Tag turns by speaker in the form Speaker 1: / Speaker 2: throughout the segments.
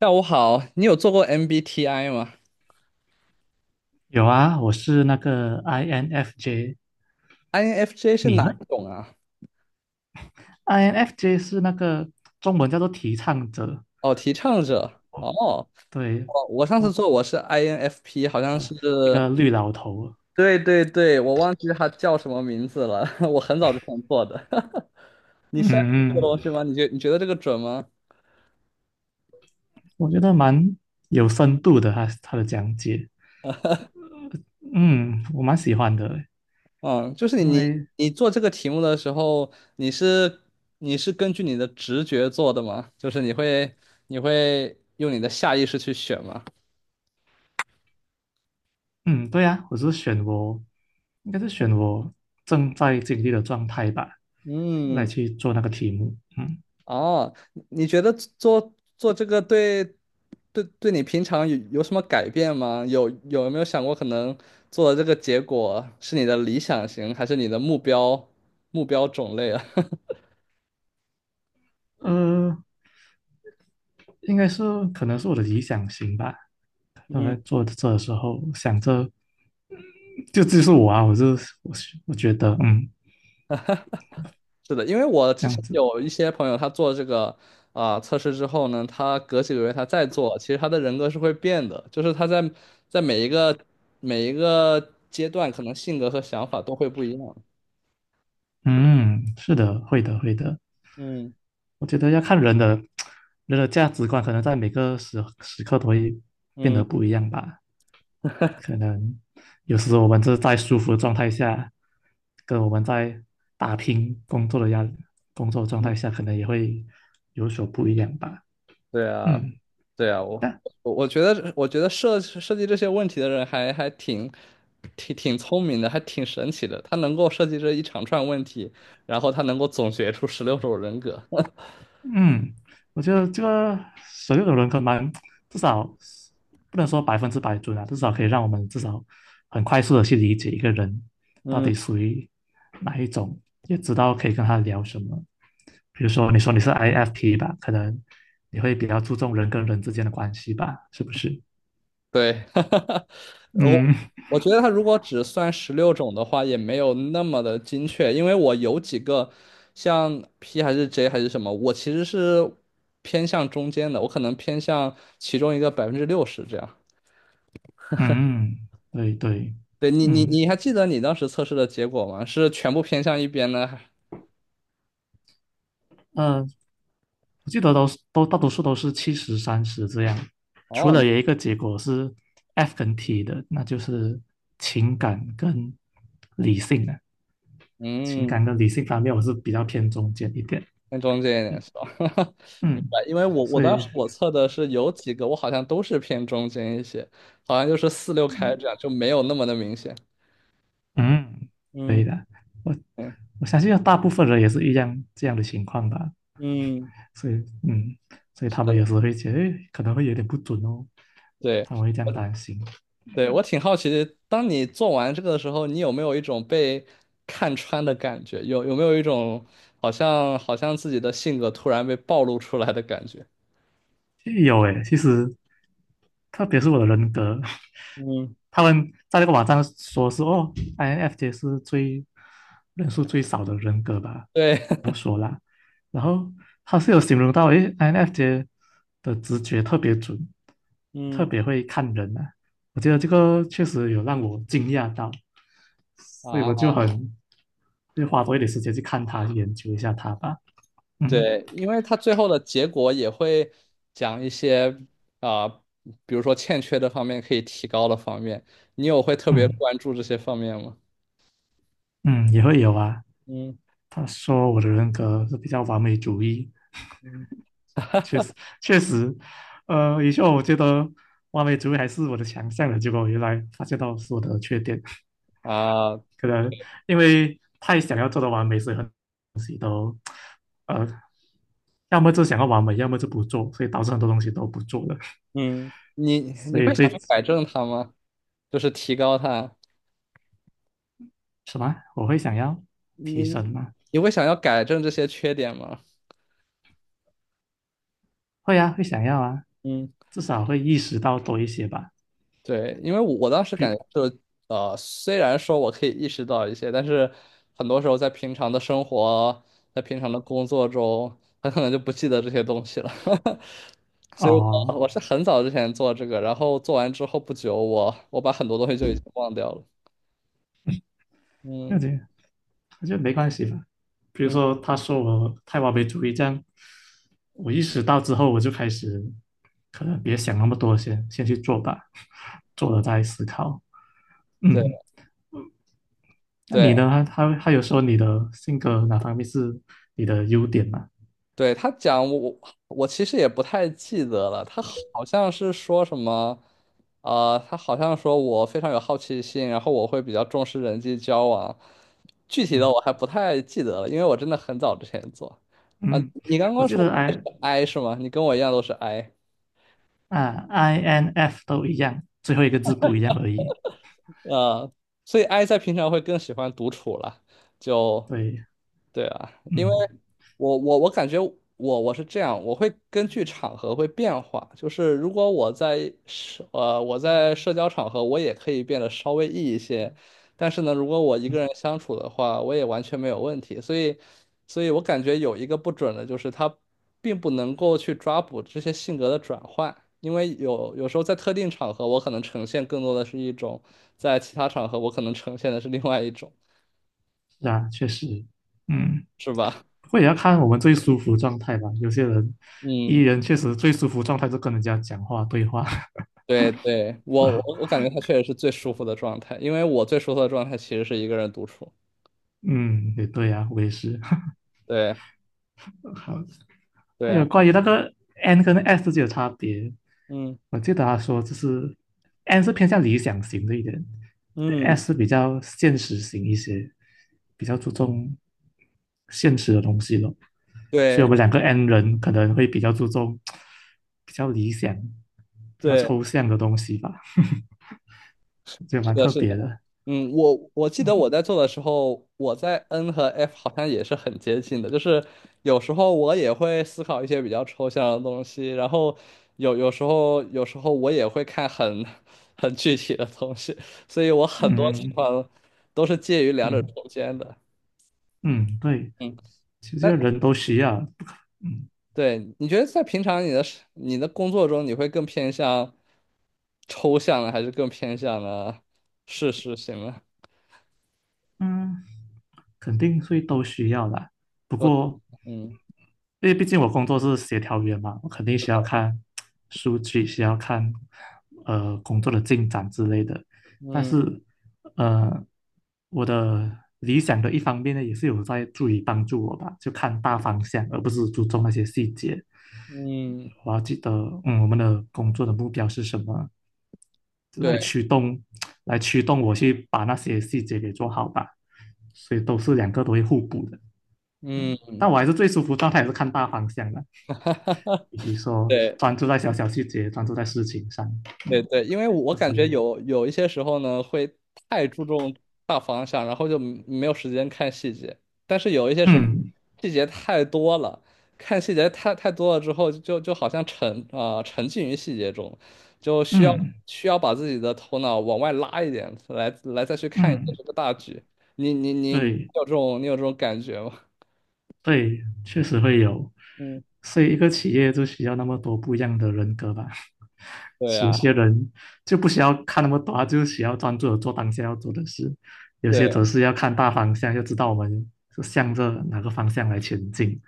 Speaker 1: 下午好，你有做过 MBTI 吗
Speaker 2: 有啊，我是那个 INFJ，
Speaker 1: ？INFJ 是
Speaker 2: 你
Speaker 1: 哪
Speaker 2: 呢
Speaker 1: 一种啊？
Speaker 2: ？INFJ 是那个，中文叫做提倡者。
Speaker 1: 哦，提倡者。哦，
Speaker 2: 对，
Speaker 1: 我上次
Speaker 2: 我
Speaker 1: 做我是 INFP，好像是，
Speaker 2: 一个绿老头。
Speaker 1: 对对对，我忘记它叫什么名字了。我很早之前做的。你现在做这个
Speaker 2: 嗯，
Speaker 1: 东西吗？你觉得这个准吗？
Speaker 2: 我觉得蛮有深度的，他的讲解。嗯，我蛮喜欢的。
Speaker 1: 嗯，就是你
Speaker 2: 因
Speaker 1: 你
Speaker 2: 为
Speaker 1: 你做这个题目的时候，你是根据你的直觉做的吗？就是你会用你的下意识去选吗？
Speaker 2: 嗯，对啊，我是选我，应该是选我正在经历的状态吧，来
Speaker 1: 嗯，
Speaker 2: 去做那个题目。嗯，
Speaker 1: 哦，你觉得做这个对对你平常有什么改变吗？没有想过可能做的这个结果是你的理想型，还是你的目标种类啊？
Speaker 2: 呃，应该是可能是我的理想型吧。我
Speaker 1: 嗯，
Speaker 2: 在做这的时候，想着就是我啊，我就我是我觉得，嗯，
Speaker 1: 是的，因为我
Speaker 2: 这
Speaker 1: 之
Speaker 2: 样
Speaker 1: 前
Speaker 2: 子。
Speaker 1: 有一些朋友，他做这个测试之后呢，他隔几个月他再做，其实他的人格是会变的，就是他在在每一个阶段，可能性格和想法都会不一样。
Speaker 2: 嗯，是的，会的，会的。
Speaker 1: 嗯
Speaker 2: 我觉得要看人的价值观，可能在每个时刻都会变
Speaker 1: 嗯。
Speaker 2: 得不一样吧。可能有时候我们就是在舒服的状态下，跟我们在打拼工作的压力工作状态下，可能也会有所不一样吧。
Speaker 1: 对啊，
Speaker 2: 嗯，
Speaker 1: 对啊，我
Speaker 2: 但
Speaker 1: 我觉得设计这些问题的人还挺聪明的，还挺神奇的。他能够设计这一长串问题，然后他能够总结出十六种人格。
Speaker 2: 嗯，我觉得这个所有的人可蛮，至少不能说百分之百准啊，至少可以让我们至少很快速的去理解一个人到
Speaker 1: 嗯，
Speaker 2: 底属于哪一种，也知道可以跟他聊什么。比如说，你说你是 IFP 吧，可能你会比较注重人跟人之间的关系吧，是不是？
Speaker 1: 对，我
Speaker 2: 嗯
Speaker 1: 我觉得他如果只算十六种的话，也没有那么的精确，因为我有几个像 P 还是 J 还是什么，我其实是偏向中间的，我可能偏向其中一个60%这样。
Speaker 2: 嗯，嗯对对，
Speaker 1: 对你，你
Speaker 2: 嗯。
Speaker 1: 你还记得你当时测试的结果吗？是全部偏向一边呢？还
Speaker 2: 呃我记得都是都大多数都是70-30这样，除
Speaker 1: 哦，
Speaker 2: 了有一个结果是 F 跟 T 的，那就是情感跟理性的。啊，情
Speaker 1: 嗯，
Speaker 2: 感跟理性方面我是比较偏中间一点。
Speaker 1: 偏中间一点
Speaker 2: 嗯
Speaker 1: 是吧？明
Speaker 2: 嗯，
Speaker 1: 白，因为我
Speaker 2: 所
Speaker 1: 当
Speaker 2: 以
Speaker 1: 时我测的是有几个，我好像都是偏中间一些，好像就是四六开这样，就没有那么的明显。
Speaker 2: 嗯可以
Speaker 1: 嗯
Speaker 2: 的，我
Speaker 1: 嗯
Speaker 2: 我相信大部分人也是一样这样的情况吧。
Speaker 1: 嗯，
Speaker 2: 所以嗯，所以
Speaker 1: 是
Speaker 2: 他们有
Speaker 1: 的，
Speaker 2: 时候会觉得可能会有点不准哦，
Speaker 1: 对，
Speaker 2: 他们会这样
Speaker 1: 我
Speaker 2: 担心。
Speaker 1: 对我挺好奇的，当你做完这个的时候，你有没有一种被看穿的感觉？没有一种好像好像自己的性格突然被暴露出来的感觉？
Speaker 2: 有诶，其实特别是我的人格，
Speaker 1: 嗯。
Speaker 2: 他们在那个网站说是哦，INFJ 是最人数最少的人格吧。
Speaker 1: 对，
Speaker 2: 然后他是有形容到，诶，INFJ 的直觉特别准，特
Speaker 1: 嗯，
Speaker 2: 别会看人啊，我觉得这个确实有让我惊讶到，所以
Speaker 1: 啊，
Speaker 2: 我就很就花多一点时间去看他，去研究一下他吧。嗯
Speaker 1: 对，因为它最后的结果也会讲一些啊、比如说欠缺的方面可以提高的方面，你有会特别
Speaker 2: 嗯
Speaker 1: 关注这些方面吗？
Speaker 2: 嗯，也会有啊。
Speaker 1: 嗯
Speaker 2: 他说我的人格是比较完美主义。
Speaker 1: 嗯
Speaker 2: 确实确实。呃，以前我觉得完美主义还是我的强项的，结果我原来发现到是我的缺点。
Speaker 1: 啊
Speaker 2: 可能因为太想要做到完美，所以很多东西都呃，要么就想要完美，要么就不做，所以导致很多东西都不做了。
Speaker 1: 嗯，你你
Speaker 2: 所以
Speaker 1: 会想
Speaker 2: 最
Speaker 1: 去改正它吗？就是提高它，
Speaker 2: 什么，我会想要
Speaker 1: 你
Speaker 2: 提升吗？
Speaker 1: 你会想要改正这些缺点吗？
Speaker 2: 会啊，会想要啊，
Speaker 1: 嗯。
Speaker 2: 至少会意识到多一些吧。
Speaker 1: 对，因为我当时感
Speaker 2: 比
Speaker 1: 觉就是虽然说我可以意识到一些，但是很多时候在平常的生活，在平常的工作中，很可能就不记得这些东西了。所以我，
Speaker 2: 哦，
Speaker 1: 我是很早之前做这个，然后做完之后不久我把很多东西就已经忘掉了。
Speaker 2: 了
Speaker 1: 嗯
Speaker 2: 解，我觉得没关系吧。比如
Speaker 1: 嗯，
Speaker 2: 说，他说我太完美主义，这样我意识到之后，我就开始可能别想那么多先，先去做吧，做了再思考。嗯，
Speaker 1: 对
Speaker 2: 那你
Speaker 1: 对。
Speaker 2: 呢？他有说你的性格哪方面是你的优点吗？
Speaker 1: 对，他讲我我其实也不太记得了，他好像是说什么，他好像说我非常有好奇心，然后我会比较重视人际交往，具体的
Speaker 2: 嗯
Speaker 1: 我还不太记得了，因为我真的很早之前做。啊，
Speaker 2: 嗯，
Speaker 1: 你刚
Speaker 2: 我
Speaker 1: 刚
Speaker 2: 记
Speaker 1: 说
Speaker 2: 得
Speaker 1: 我是
Speaker 2: I
Speaker 1: I 是吗？你跟我一样都是 I。
Speaker 2: 啊 INF 都一样，最后一个字不一样而已。
Speaker 1: 呃，所以 I 在平常会更喜欢独处了，就
Speaker 2: 对，
Speaker 1: 对啊，因为
Speaker 2: 嗯
Speaker 1: 我感觉我是这样，我会根据场合会变化，就是如果我在社交场合，我也可以变得稍微 E 一些，但是呢，如果我一个
Speaker 2: 嗯，
Speaker 1: 人相处的话，我也完全没有问题，所以我感觉有一个不准的就是它并不能够去抓捕这些性格的转换。因为有时候在特定场合，我可能呈现更多的是一种。在其他场合我可能呈现的是另外一种，
Speaker 2: 是啊，确实，嗯。
Speaker 1: 是吧？
Speaker 2: 不过也要看我们最舒服状态吧。有些人 E
Speaker 1: 嗯，
Speaker 2: 人确实最舒服状态是跟人家讲话对话。
Speaker 1: 对对，
Speaker 2: 是
Speaker 1: 我我
Speaker 2: 吧？
Speaker 1: 我感觉他确实是最舒服的状态，因为我最舒服的状态其实是一个人独处。
Speaker 2: 嗯，也对啊，我也是。
Speaker 1: 对
Speaker 2: 好，
Speaker 1: 对
Speaker 2: 还有
Speaker 1: 啊，
Speaker 2: 关于那个 N 跟 S 之间的差别，
Speaker 1: 嗯
Speaker 2: 我记得他说就是 N 是偏向理想型的一点
Speaker 1: 嗯，
Speaker 2: ，S 是比较现实型一些，比较注重现实的东西咯。所以我们
Speaker 1: 对
Speaker 2: 两个 N 人可能会比较注重比较理想、比较
Speaker 1: 对。
Speaker 2: 抽象的东西吧。也
Speaker 1: 是
Speaker 2: 蛮
Speaker 1: 的，
Speaker 2: 特
Speaker 1: 是的。
Speaker 2: 别的。
Speaker 1: 嗯，我记得我
Speaker 2: 嗯
Speaker 1: 在做的时候，我在 N 和 F 好像也是很接近的，就是有时候我也会思考一些比较抽象的东西，然后有时候我也会看很 很具体的东西，所以我很多情
Speaker 2: 嗯
Speaker 1: 况都是介于两者
Speaker 2: 嗯
Speaker 1: 中间的。
Speaker 2: 嗯，对，
Speaker 1: 嗯，
Speaker 2: 其实
Speaker 1: 那
Speaker 2: 人都需要，不可嗯，
Speaker 1: 对，你觉得在平常你的是你的工作中，你会更偏向抽象的，还是更偏向的事实型呢？
Speaker 2: 嗯肯定会都需要啦。不
Speaker 1: 都，
Speaker 2: 过，
Speaker 1: 嗯。
Speaker 2: 因为毕竟我工作是协调员嘛，我肯定需要看数据，需要看工作的进展之类的。但
Speaker 1: 嗯
Speaker 2: 是，呃，我的理想的一方面呢，也是有在注意帮助我吧，就看大方向，而不是注重那些细节。
Speaker 1: 嗯，
Speaker 2: 我要记得，嗯，我们的工作的目标是什么，来
Speaker 1: 对，
Speaker 2: 驱动，来驱动我去把那些细节给做好吧。所以都是两个都会互补的。
Speaker 1: 嗯，
Speaker 2: 但我还是最舒服，状态也是看大方向的，
Speaker 1: 哈哈哈，
Speaker 2: 以及说
Speaker 1: 对
Speaker 2: 专注在小小细节，专注在事情上，
Speaker 1: 对对，因为我
Speaker 2: 而
Speaker 1: 感
Speaker 2: 且，
Speaker 1: 觉有一些时候呢，会太注重大方向，然后就没有时间看细节。但是有一些时候，
Speaker 2: 嗯
Speaker 1: 细节太多了，看细节太多了之后，就好像沉浸于细节中，就需要
Speaker 2: 嗯
Speaker 1: 需要把自己的头脑往外拉一点，来再去看一下
Speaker 2: 嗯，
Speaker 1: 这个大局。你
Speaker 2: 对。
Speaker 1: 有这种感觉吗？
Speaker 2: 对，确实会有，
Speaker 1: 嗯，
Speaker 2: 所以一个企业就需要那么多不一样的人格吧。
Speaker 1: 对
Speaker 2: 有
Speaker 1: 呀，
Speaker 2: 些人就不需要看那么多，他就需要专注的做当下要做的事；有些
Speaker 1: 对
Speaker 2: 则是要看大方向，要知道我们是向着哪个方向来前进，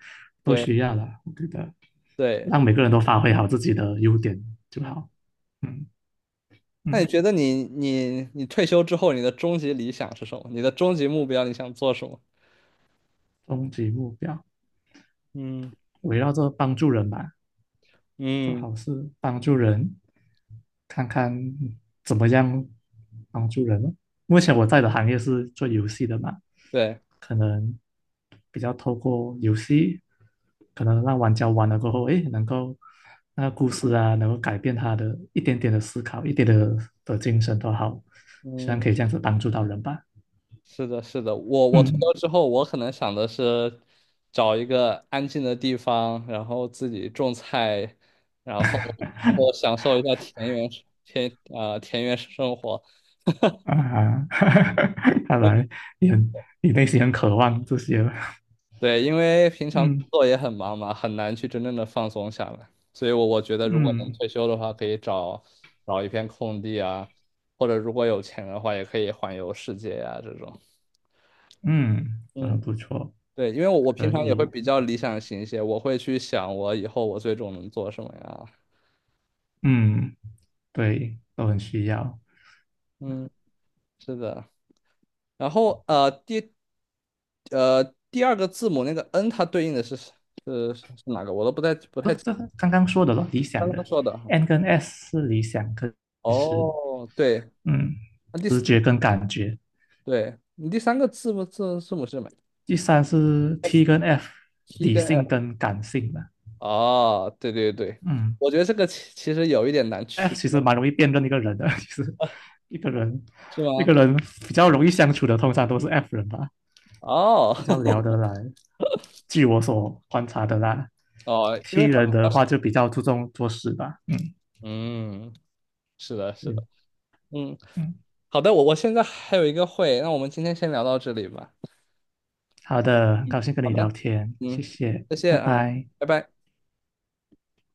Speaker 2: 都需
Speaker 1: 对
Speaker 2: 要了。我觉得
Speaker 1: 对。
Speaker 2: 让每个人都发挥好自己的优点就
Speaker 1: 嗯。
Speaker 2: 好。嗯
Speaker 1: 那你
Speaker 2: 嗯，
Speaker 1: 觉得你退休之后，你的终极理想是什么？你的终极目标，你想做什么？
Speaker 2: 终极目标
Speaker 1: 嗯
Speaker 2: 围绕着帮助人吧。做
Speaker 1: 嗯
Speaker 2: 好事，帮助人，看看怎么样帮助人咯。目前我在的行业是做游戏的嘛，
Speaker 1: 对，
Speaker 2: 可能比较透过游戏，可能让玩家玩了过后，诶，能够那个故事啊，能够改变他的一点点的思考，一点的的精神都好，希望
Speaker 1: 嗯，
Speaker 2: 可以这样子帮助到人吧。
Speaker 1: 是的，是的，我退
Speaker 2: 嗯
Speaker 1: 休之后，我可能想的是找一个安静的地方，然后自己种菜，然后我享受一下田园田园生活。
Speaker 2: 啊，看来你很你内心很渴望这些。
Speaker 1: 对，因为平常工
Speaker 2: 嗯
Speaker 1: 作也很忙嘛，很难去真正的放松下来。所以我觉得如果能
Speaker 2: 嗯。
Speaker 1: 退休的话，可以找一片空地啊，或者如果有钱的话，也可以环游世界呀、这种。
Speaker 2: 嗯，都很
Speaker 1: 嗯，
Speaker 2: 不错，
Speaker 1: 对，因为我平
Speaker 2: 可
Speaker 1: 常也会
Speaker 2: 以，
Speaker 1: 比较理想型一些，我会去想我以后我最终能做什么呀。
Speaker 2: 嗯，对，都很需要。
Speaker 1: 嗯，是的。然后呃第二个字母那个 N，它对应的是是哪个？我都不太不
Speaker 2: 这
Speaker 1: 太
Speaker 2: 这刚刚说的咯，理想
Speaker 1: 刚刚
Speaker 2: 的
Speaker 1: 说的哈。
Speaker 2: ，N 跟 S 是理想跟实，
Speaker 1: 哦，对，
Speaker 2: 嗯，
Speaker 1: 那
Speaker 2: 直觉跟感觉。
Speaker 1: 对你第三个字母字母是什么
Speaker 2: 第三是
Speaker 1: ？F
Speaker 2: T 跟 F，
Speaker 1: 七
Speaker 2: 理
Speaker 1: 跟
Speaker 2: 性
Speaker 1: F
Speaker 2: 跟感性的。
Speaker 1: 哦，对对对，
Speaker 2: 嗯
Speaker 1: 我觉得这个其实有一点难
Speaker 2: ，F
Speaker 1: 区，
Speaker 2: 其实蛮容易辨认一个人的，其实一个人
Speaker 1: 是
Speaker 2: 一
Speaker 1: 吗？
Speaker 2: 个人比较容易相处的，通常都是 F 人吧。
Speaker 1: 哦
Speaker 2: 比较 聊得来。据我所观察的啦
Speaker 1: 哦，因
Speaker 2: ，T
Speaker 1: 为它
Speaker 2: 人的话就比较注重做事吧。嗯
Speaker 1: 嗯，是的，是的，
Speaker 2: 嗯
Speaker 1: 嗯，
Speaker 2: 嗯，
Speaker 1: 好的，我现在还有一个会，那我们今天先聊到这里吧。
Speaker 2: 好的，很
Speaker 1: 嗯，
Speaker 2: 高兴跟
Speaker 1: 好
Speaker 2: 你聊
Speaker 1: 的，
Speaker 2: 天，
Speaker 1: 嗯，
Speaker 2: 谢谢，
Speaker 1: 再
Speaker 2: 拜
Speaker 1: 见啊，
Speaker 2: 拜。
Speaker 1: 拜拜。